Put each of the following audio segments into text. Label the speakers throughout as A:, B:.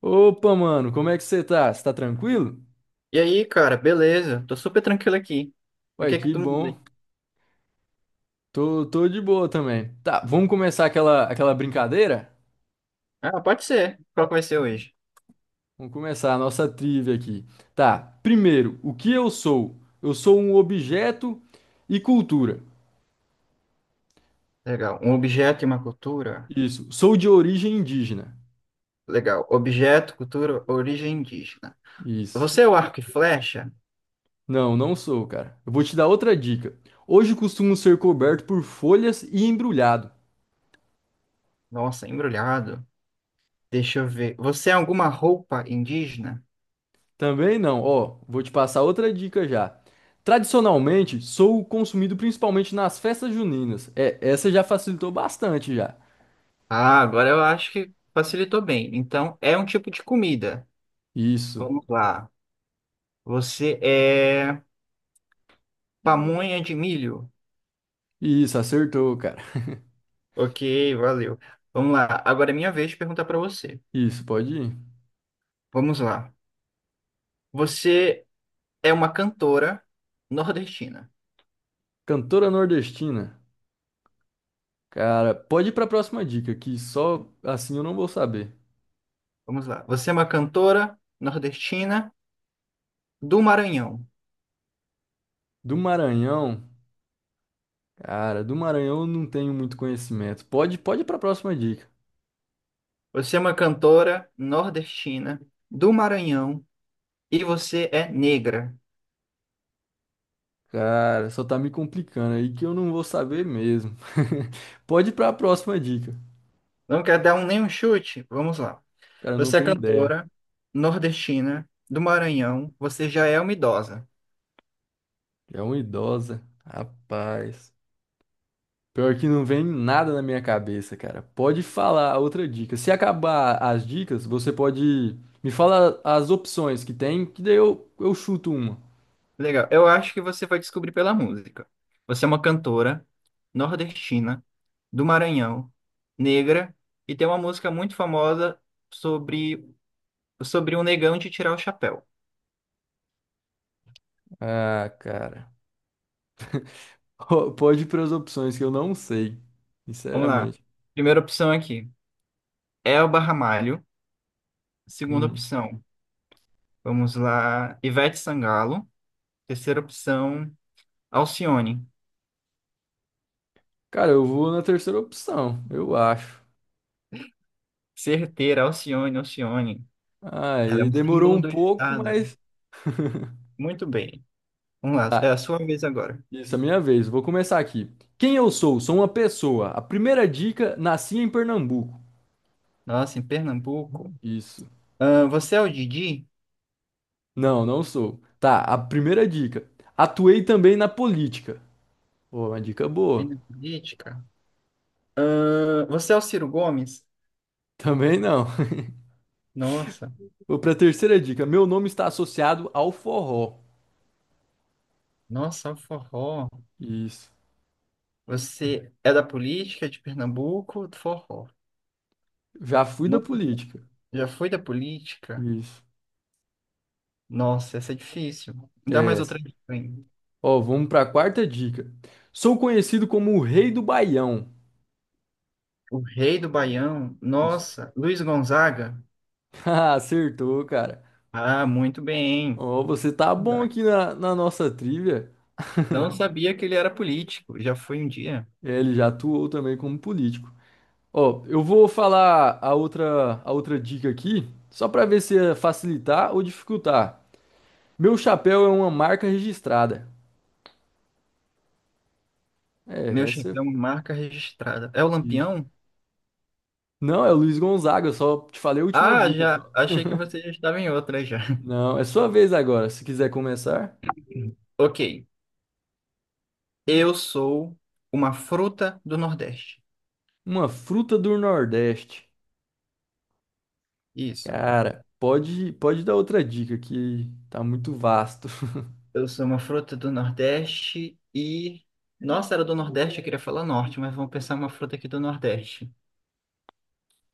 A: Opa, mano, como é que você tá? Você tá tranquilo?
B: E aí, cara, beleza? Tô super tranquilo aqui. O
A: Ué,
B: que é que
A: que
B: tu me
A: bom.
B: diz?
A: Tô de boa também. Tá, vamos começar aquela brincadeira?
B: Ah, pode ser. Qual que vai ser hoje?
A: Vamos começar a nossa trivia aqui. Tá, primeiro, o que eu sou? Eu sou um objeto e cultura.
B: Legal. Um objeto e uma cultura?
A: Isso, sou de origem indígena.
B: Legal. Objeto, cultura, origem indígena.
A: Isso.
B: Você é o arco e flecha?
A: Não sou, cara. Eu vou te dar outra dica. Hoje costumo ser coberto por folhas e embrulhado.
B: Nossa, embrulhado. Deixa eu ver. Você é alguma roupa indígena?
A: Também não. Ó, vou te passar outra dica já. Tradicionalmente, sou consumido principalmente nas festas juninas. É, essa já facilitou bastante já.
B: Ah, agora eu acho que facilitou bem. Então, é um tipo de comida.
A: Isso.
B: Vamos lá. Você é pamonha de milho?
A: Isso, acertou, cara.
B: Ok, valeu. Vamos lá. Agora é minha vez de perguntar para você.
A: Isso, pode ir.
B: Vamos lá. Você é uma cantora nordestina.
A: Cantora nordestina. Cara, pode ir pra próxima dica, que só assim eu não vou saber.
B: Vamos lá. Você é uma cantora nordestina do Maranhão.
A: Do Maranhão. Cara, do Maranhão eu não tenho muito conhecimento. Pode ir pra próxima dica.
B: Você é uma cantora nordestina do Maranhão e você é negra.
A: Cara, só tá me complicando aí que eu não vou saber mesmo. Pode ir pra próxima dica.
B: Não quer dar um, nenhum chute? Vamos lá.
A: Cara, eu não
B: Você é
A: tenho ideia.
B: cantora nordestina do Maranhão. Você já é uma idosa.
A: É uma idosa. Rapaz. Pior que não vem nada na minha cabeça, cara. Pode falar outra dica. Se acabar as dicas, você pode me falar as opções que tem, que daí eu chuto uma.
B: Legal. Eu acho que você vai descobrir pela música. Você é uma cantora nordestina, do Maranhão, negra, e tem uma música muito famosa sobre, sobre um negão de tirar o chapéu.
A: Ah, cara. Pode ir para as opções que eu não sei.
B: Vamos lá.
A: Sinceramente.
B: Primeira opção aqui, Elba Ramalho. Segunda
A: Hum.
B: opção, vamos lá, Ivete Sangalo. Terceira opção, Alcione.
A: Cara, eu vou na terceira opção, eu acho.
B: Certeira, Alcione, Alcione. Ela é
A: Aí
B: um
A: demorou
B: símbolo
A: um
B: do
A: pouco,
B: estado.
A: mas.
B: Muito bem. Vamos lá, é
A: Tá.
B: a sua vez agora.
A: Isso, é minha vez. Vou começar aqui. Quem eu sou? Sou uma pessoa. A primeira dica, nasci em Pernambuco.
B: Nossa, em Pernambuco.
A: Isso.
B: Ah, você é o Didi?
A: Não sou. Tá, a primeira dica. Atuei também na política. Pô, uma dica boa.
B: Ele é política? Ah, você é o Ciro Gomes?
A: Também não.
B: Nossa,
A: Vou pra terceira dica. Meu nome está associado ao forró.
B: nossa, é um forró.
A: Isso.
B: Você é da política de Pernambuco ou do forró?
A: Já fui da
B: Não,
A: política.
B: já foi da política?
A: Isso.
B: Nossa, essa é difícil. Me dá
A: É
B: mais
A: essa.
B: outra dica aí.
A: Ó, vamos pra quarta dica. Sou conhecido como o Rei do Baião.
B: O rei do Baião?
A: Isso.
B: Nossa, Luiz Gonzaga?
A: Ah, acertou, cara.
B: Ah, muito bem.
A: Ó, você tá bom
B: Verdade.
A: aqui na, na nossa trivia.
B: Não sabia que ele era político. Já foi um dia.
A: É, ele já atuou também como político. Ó, eu vou falar a outra dica aqui, só pra ver se é facilitar ou dificultar. Meu chapéu é uma marca registrada. É,
B: Meu
A: essa.
B: chefão, marca registrada. É o
A: Isso.
B: Lampião?
A: Não, é o Luiz Gonzaga, eu só te falei a última
B: Ah,
A: dica.
B: já.
A: Só.
B: Achei que você já estava em outra já.
A: Não, é sua vez agora, se quiser começar.
B: Ok. Eu sou uma fruta do Nordeste.
A: Uma fruta do Nordeste.
B: Isso.
A: Cara, pode dar outra dica que tá muito vasto.
B: Eu sou uma fruta do Nordeste e. Nossa, era do Nordeste, eu queria falar Norte, mas vamos pensar uma fruta aqui do Nordeste.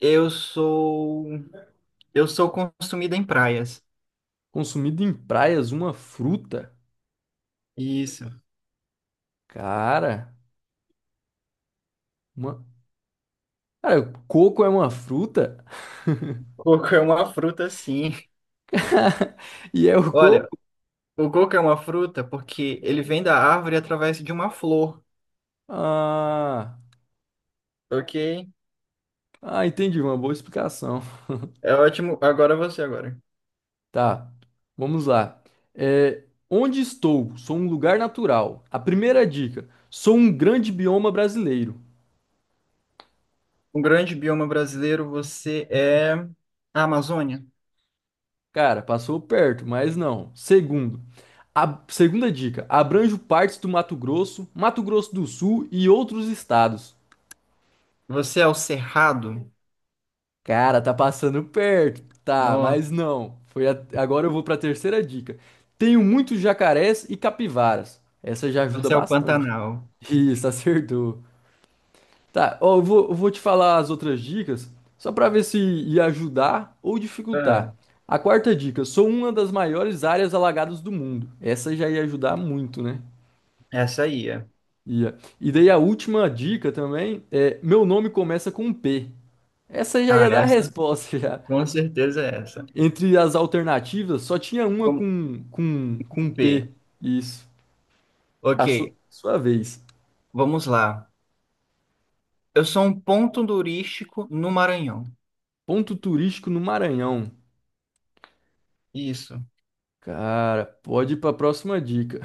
B: Eu sou. Eu sou consumida em praias.
A: Consumido em praias, uma fruta.
B: Isso.
A: Cara, uma... Cara, coco é uma fruta?
B: Coco é uma fruta, sim.
A: E é o
B: Olha,
A: coco?
B: o coco é uma fruta porque ele vem da árvore através de uma flor,
A: Ah,
B: ok?
A: entendi, uma boa explicação.
B: É ótimo. Agora você, agora.
A: Tá, vamos lá. É, onde estou? Sou um lugar natural. A primeira dica: sou um grande bioma brasileiro.
B: Um grande bioma brasileiro, você é a Amazônia.
A: Cara, passou perto, mas não. Segundo, a segunda dica: abranjo partes do Mato Grosso, Mato Grosso do Sul e outros estados.
B: Você é o Cerrado?
A: Cara, tá passando perto. Tá,
B: Nossa,
A: mas não. Agora eu vou pra terceira dica. Tenho muitos jacarés e capivaras. Essa já ajuda
B: você é o
A: bastante.
B: Pantanal.
A: Isso, acertou. Tá, ó, eu vou te falar as outras dicas, só pra ver se ia ajudar ou
B: Ah,
A: dificultar. A quarta dica, sou uma das maiores áreas alagadas do mundo. Essa já ia ajudar muito, né?
B: essa aí é.
A: Ia. E daí a última dica também é, meu nome começa com P. Essa já
B: Ah,
A: ia dar a
B: essa?
A: resposta já.
B: Com certeza é essa.
A: Entre as alternativas, só tinha uma
B: Com
A: com
B: com
A: P.
B: P.
A: Isso.
B: Ok,
A: Sua vez.
B: vamos lá. Eu sou um ponto turístico no Maranhão.
A: Ponto turístico no Maranhão.
B: Isso.
A: Cara, pode ir para a próxima dica.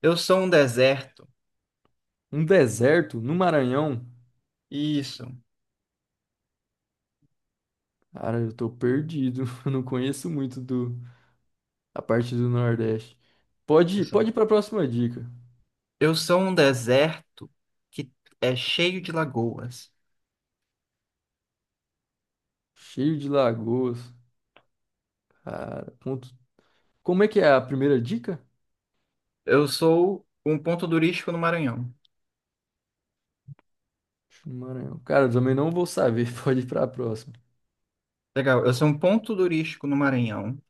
B: Eu sou um deserto.
A: Um deserto no Maranhão?
B: Isso.
A: Cara, eu tô perdido. Eu não conheço muito a parte do Nordeste.
B: Eu
A: Pode,
B: sou
A: pode ir para a próxima dica.
B: eu sou um deserto que é cheio de lagoas.
A: Cheio de lagoas. Cara, ponto. Como é que é a primeira dica?
B: Eu sou um ponto turístico no Maranhão.
A: No Maranhão. Cara, eu também não vou saber. Pode ir para a próxima.
B: Legal. Eu sou um ponto turístico no Maranhão.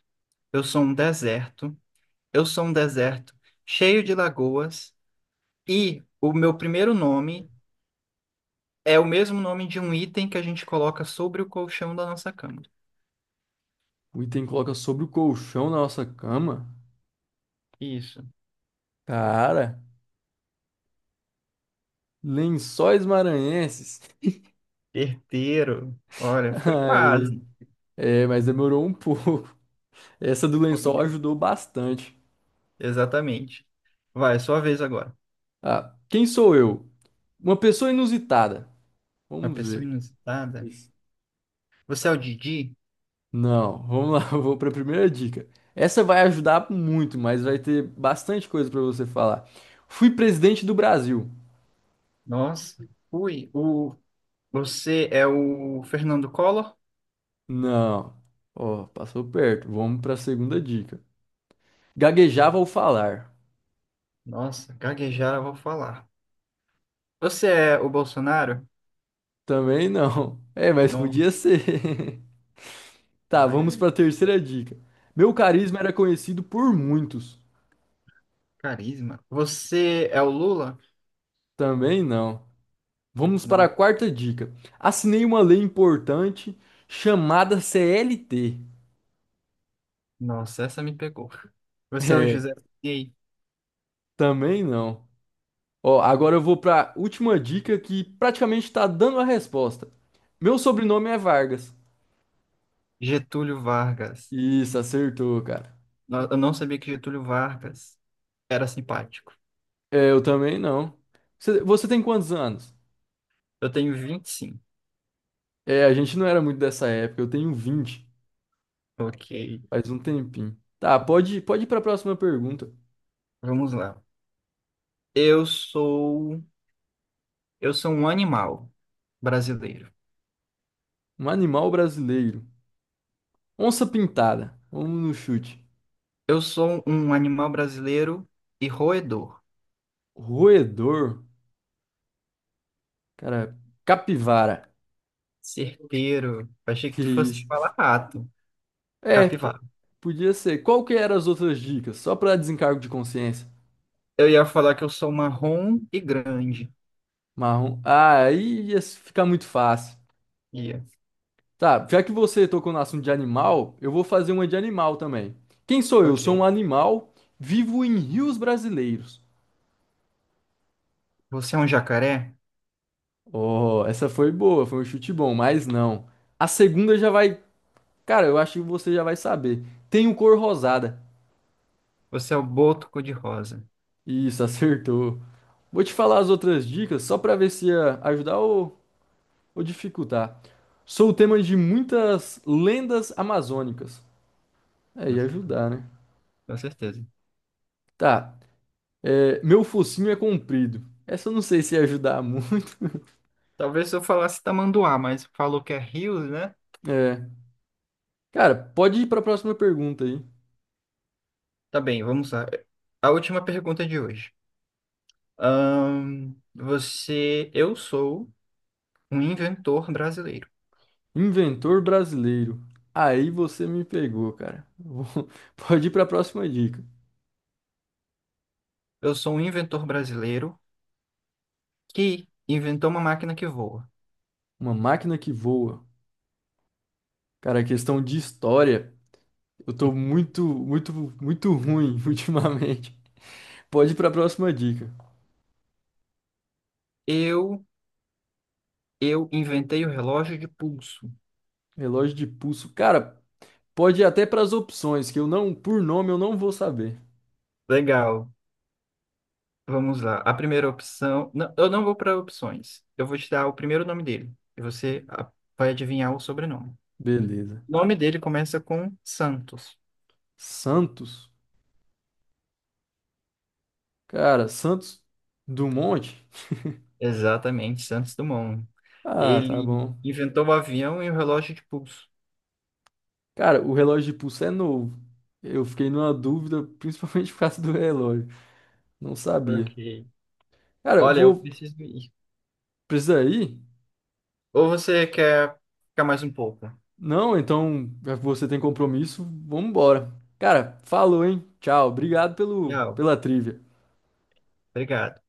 B: Eu sou um deserto. Eu sou um deserto cheio de lagoas e o meu primeiro nome é o mesmo nome de um item que a gente coloca sobre o colchão da nossa cama.
A: O item coloca sobre o colchão da nossa cama.
B: Isso.
A: Cara, lençóis maranhenses.
B: Herdeiro. Olha, foi
A: Ai,
B: quase.
A: é, mas demorou um pouco. Essa do lençol ajudou bastante.
B: Exatamente. Vai, sua vez agora.
A: Ah, quem sou eu? Uma pessoa inusitada.
B: Uma
A: Vamos
B: pessoa
A: ver.
B: inusitada.
A: Isso.
B: Você é o Didi?
A: Não, vamos lá, eu vou para a primeira dica. Essa vai ajudar muito, mas vai ter bastante coisa para você falar. Fui presidente do Brasil.
B: Nossa. Ui, o... você é o Fernando Collor?
A: Não. Ó, passou perto. Vamos para a segunda dica. Gaguejava ao falar.
B: Nossa, gaguejar eu vou falar. Você é o Bolsonaro?
A: Também não. É, mas
B: Não.
A: podia ser. Tá,
B: Vai.
A: vamos para a terceira dica. Meu carisma era conhecido por muitos.
B: Carisma. Você é o Lula?
A: Também não. Vamos para a
B: Não.
A: quarta dica. Assinei uma lei importante chamada CLT.
B: Nossa, essa me pegou. Você é o
A: É,
B: José Sarney?
A: também não. Ó, agora eu vou para a última dica que praticamente está dando a resposta. Meu sobrenome é Vargas.
B: Getúlio Vargas.
A: Isso, acertou, cara.
B: No- Eu não sabia que Getúlio Vargas era simpático.
A: É, eu também não. Você tem quantos anos?
B: Eu tenho 25.
A: É, a gente não era muito dessa época, eu tenho 20.
B: Ok,
A: Faz um tempinho. Tá, pode ir para a próxima pergunta.
B: vamos lá. Eu sou, eu sou um animal brasileiro.
A: Um animal brasileiro. Onça pintada. Vamos no chute.
B: Eu sou um animal brasileiro e roedor,
A: Roedor. Cara, capivara.
B: certeiro. Achei que tu fosse
A: Isso.
B: falar rato,
A: É,
B: capivara.
A: podia ser. Qual que eram as outras dicas? Só para desencargo de consciência.
B: Eu ia falar que eu sou marrom e grande.
A: Marrom. Ah, aí ficar muito fácil.
B: Ia.
A: Tá, já que você tocou no assunto de animal, eu vou fazer uma de animal também. Quem sou eu? Sou
B: Ok.
A: um animal, vivo em rios brasileiros.
B: Você é um jacaré?
A: Oh, essa foi boa, foi um chute bom, mas não. A segunda já vai. Cara, eu acho que você já vai saber. Tem o cor rosada.
B: Você é o boto cor-de-rosa.
A: Isso, acertou. Vou te falar as outras dicas só pra ver se ia ajudar ou dificultar. Sou o tema de muitas lendas amazônicas. É,
B: Com
A: ia
B: cer-
A: ajudar, né?
B: com certeza.
A: Tá. É, meu focinho é comprido. Essa eu não sei se ia ajudar muito.
B: Talvez se eu falasse tamanduá, mas falou que é Rio, né?
A: É. Cara, pode ir pra próxima pergunta aí.
B: Tá bem, vamos lá. A última pergunta de hoje. Você, eu sou um inventor brasileiro.
A: Inventor brasileiro. Aí você me pegou, cara. Pode ir para a próxima dica.
B: Eu sou um inventor brasileiro que inventou uma máquina que voa.
A: Uma máquina que voa. Cara, questão de história, eu tô muito ruim ultimamente. Pode ir para a próxima dica.
B: Eu, eu inventei o relógio de pulso.
A: Relógio de pulso. Cara, pode ir até para as opções, que eu não, por nome, eu não vou saber.
B: Legal. Vamos lá. A primeira opção. Não, eu não vou para opções. Eu vou te dar o primeiro nome dele. E você vai adivinhar o sobrenome.
A: Beleza.
B: O nome dele começa com Santos.
A: Santos. Cara, Santos Dumont.
B: Exatamente, Santos Dumont.
A: Ah, tá
B: Ele
A: bom.
B: inventou o avião e o relógio de pulso.
A: Cara, o relógio de pulso é novo. Eu fiquei numa dúvida, principalmente por causa do relógio. Não sabia.
B: Ok.
A: Cara, eu
B: Olha, eu
A: vou
B: preciso ir.
A: precisar ir?
B: Ou você quer ficar mais um pouco?
A: Não, então, já que você tem compromisso, vamos embora. Cara, falou, hein? Tchau. Obrigado
B: Tchau.
A: pela trivia.
B: Obrigado.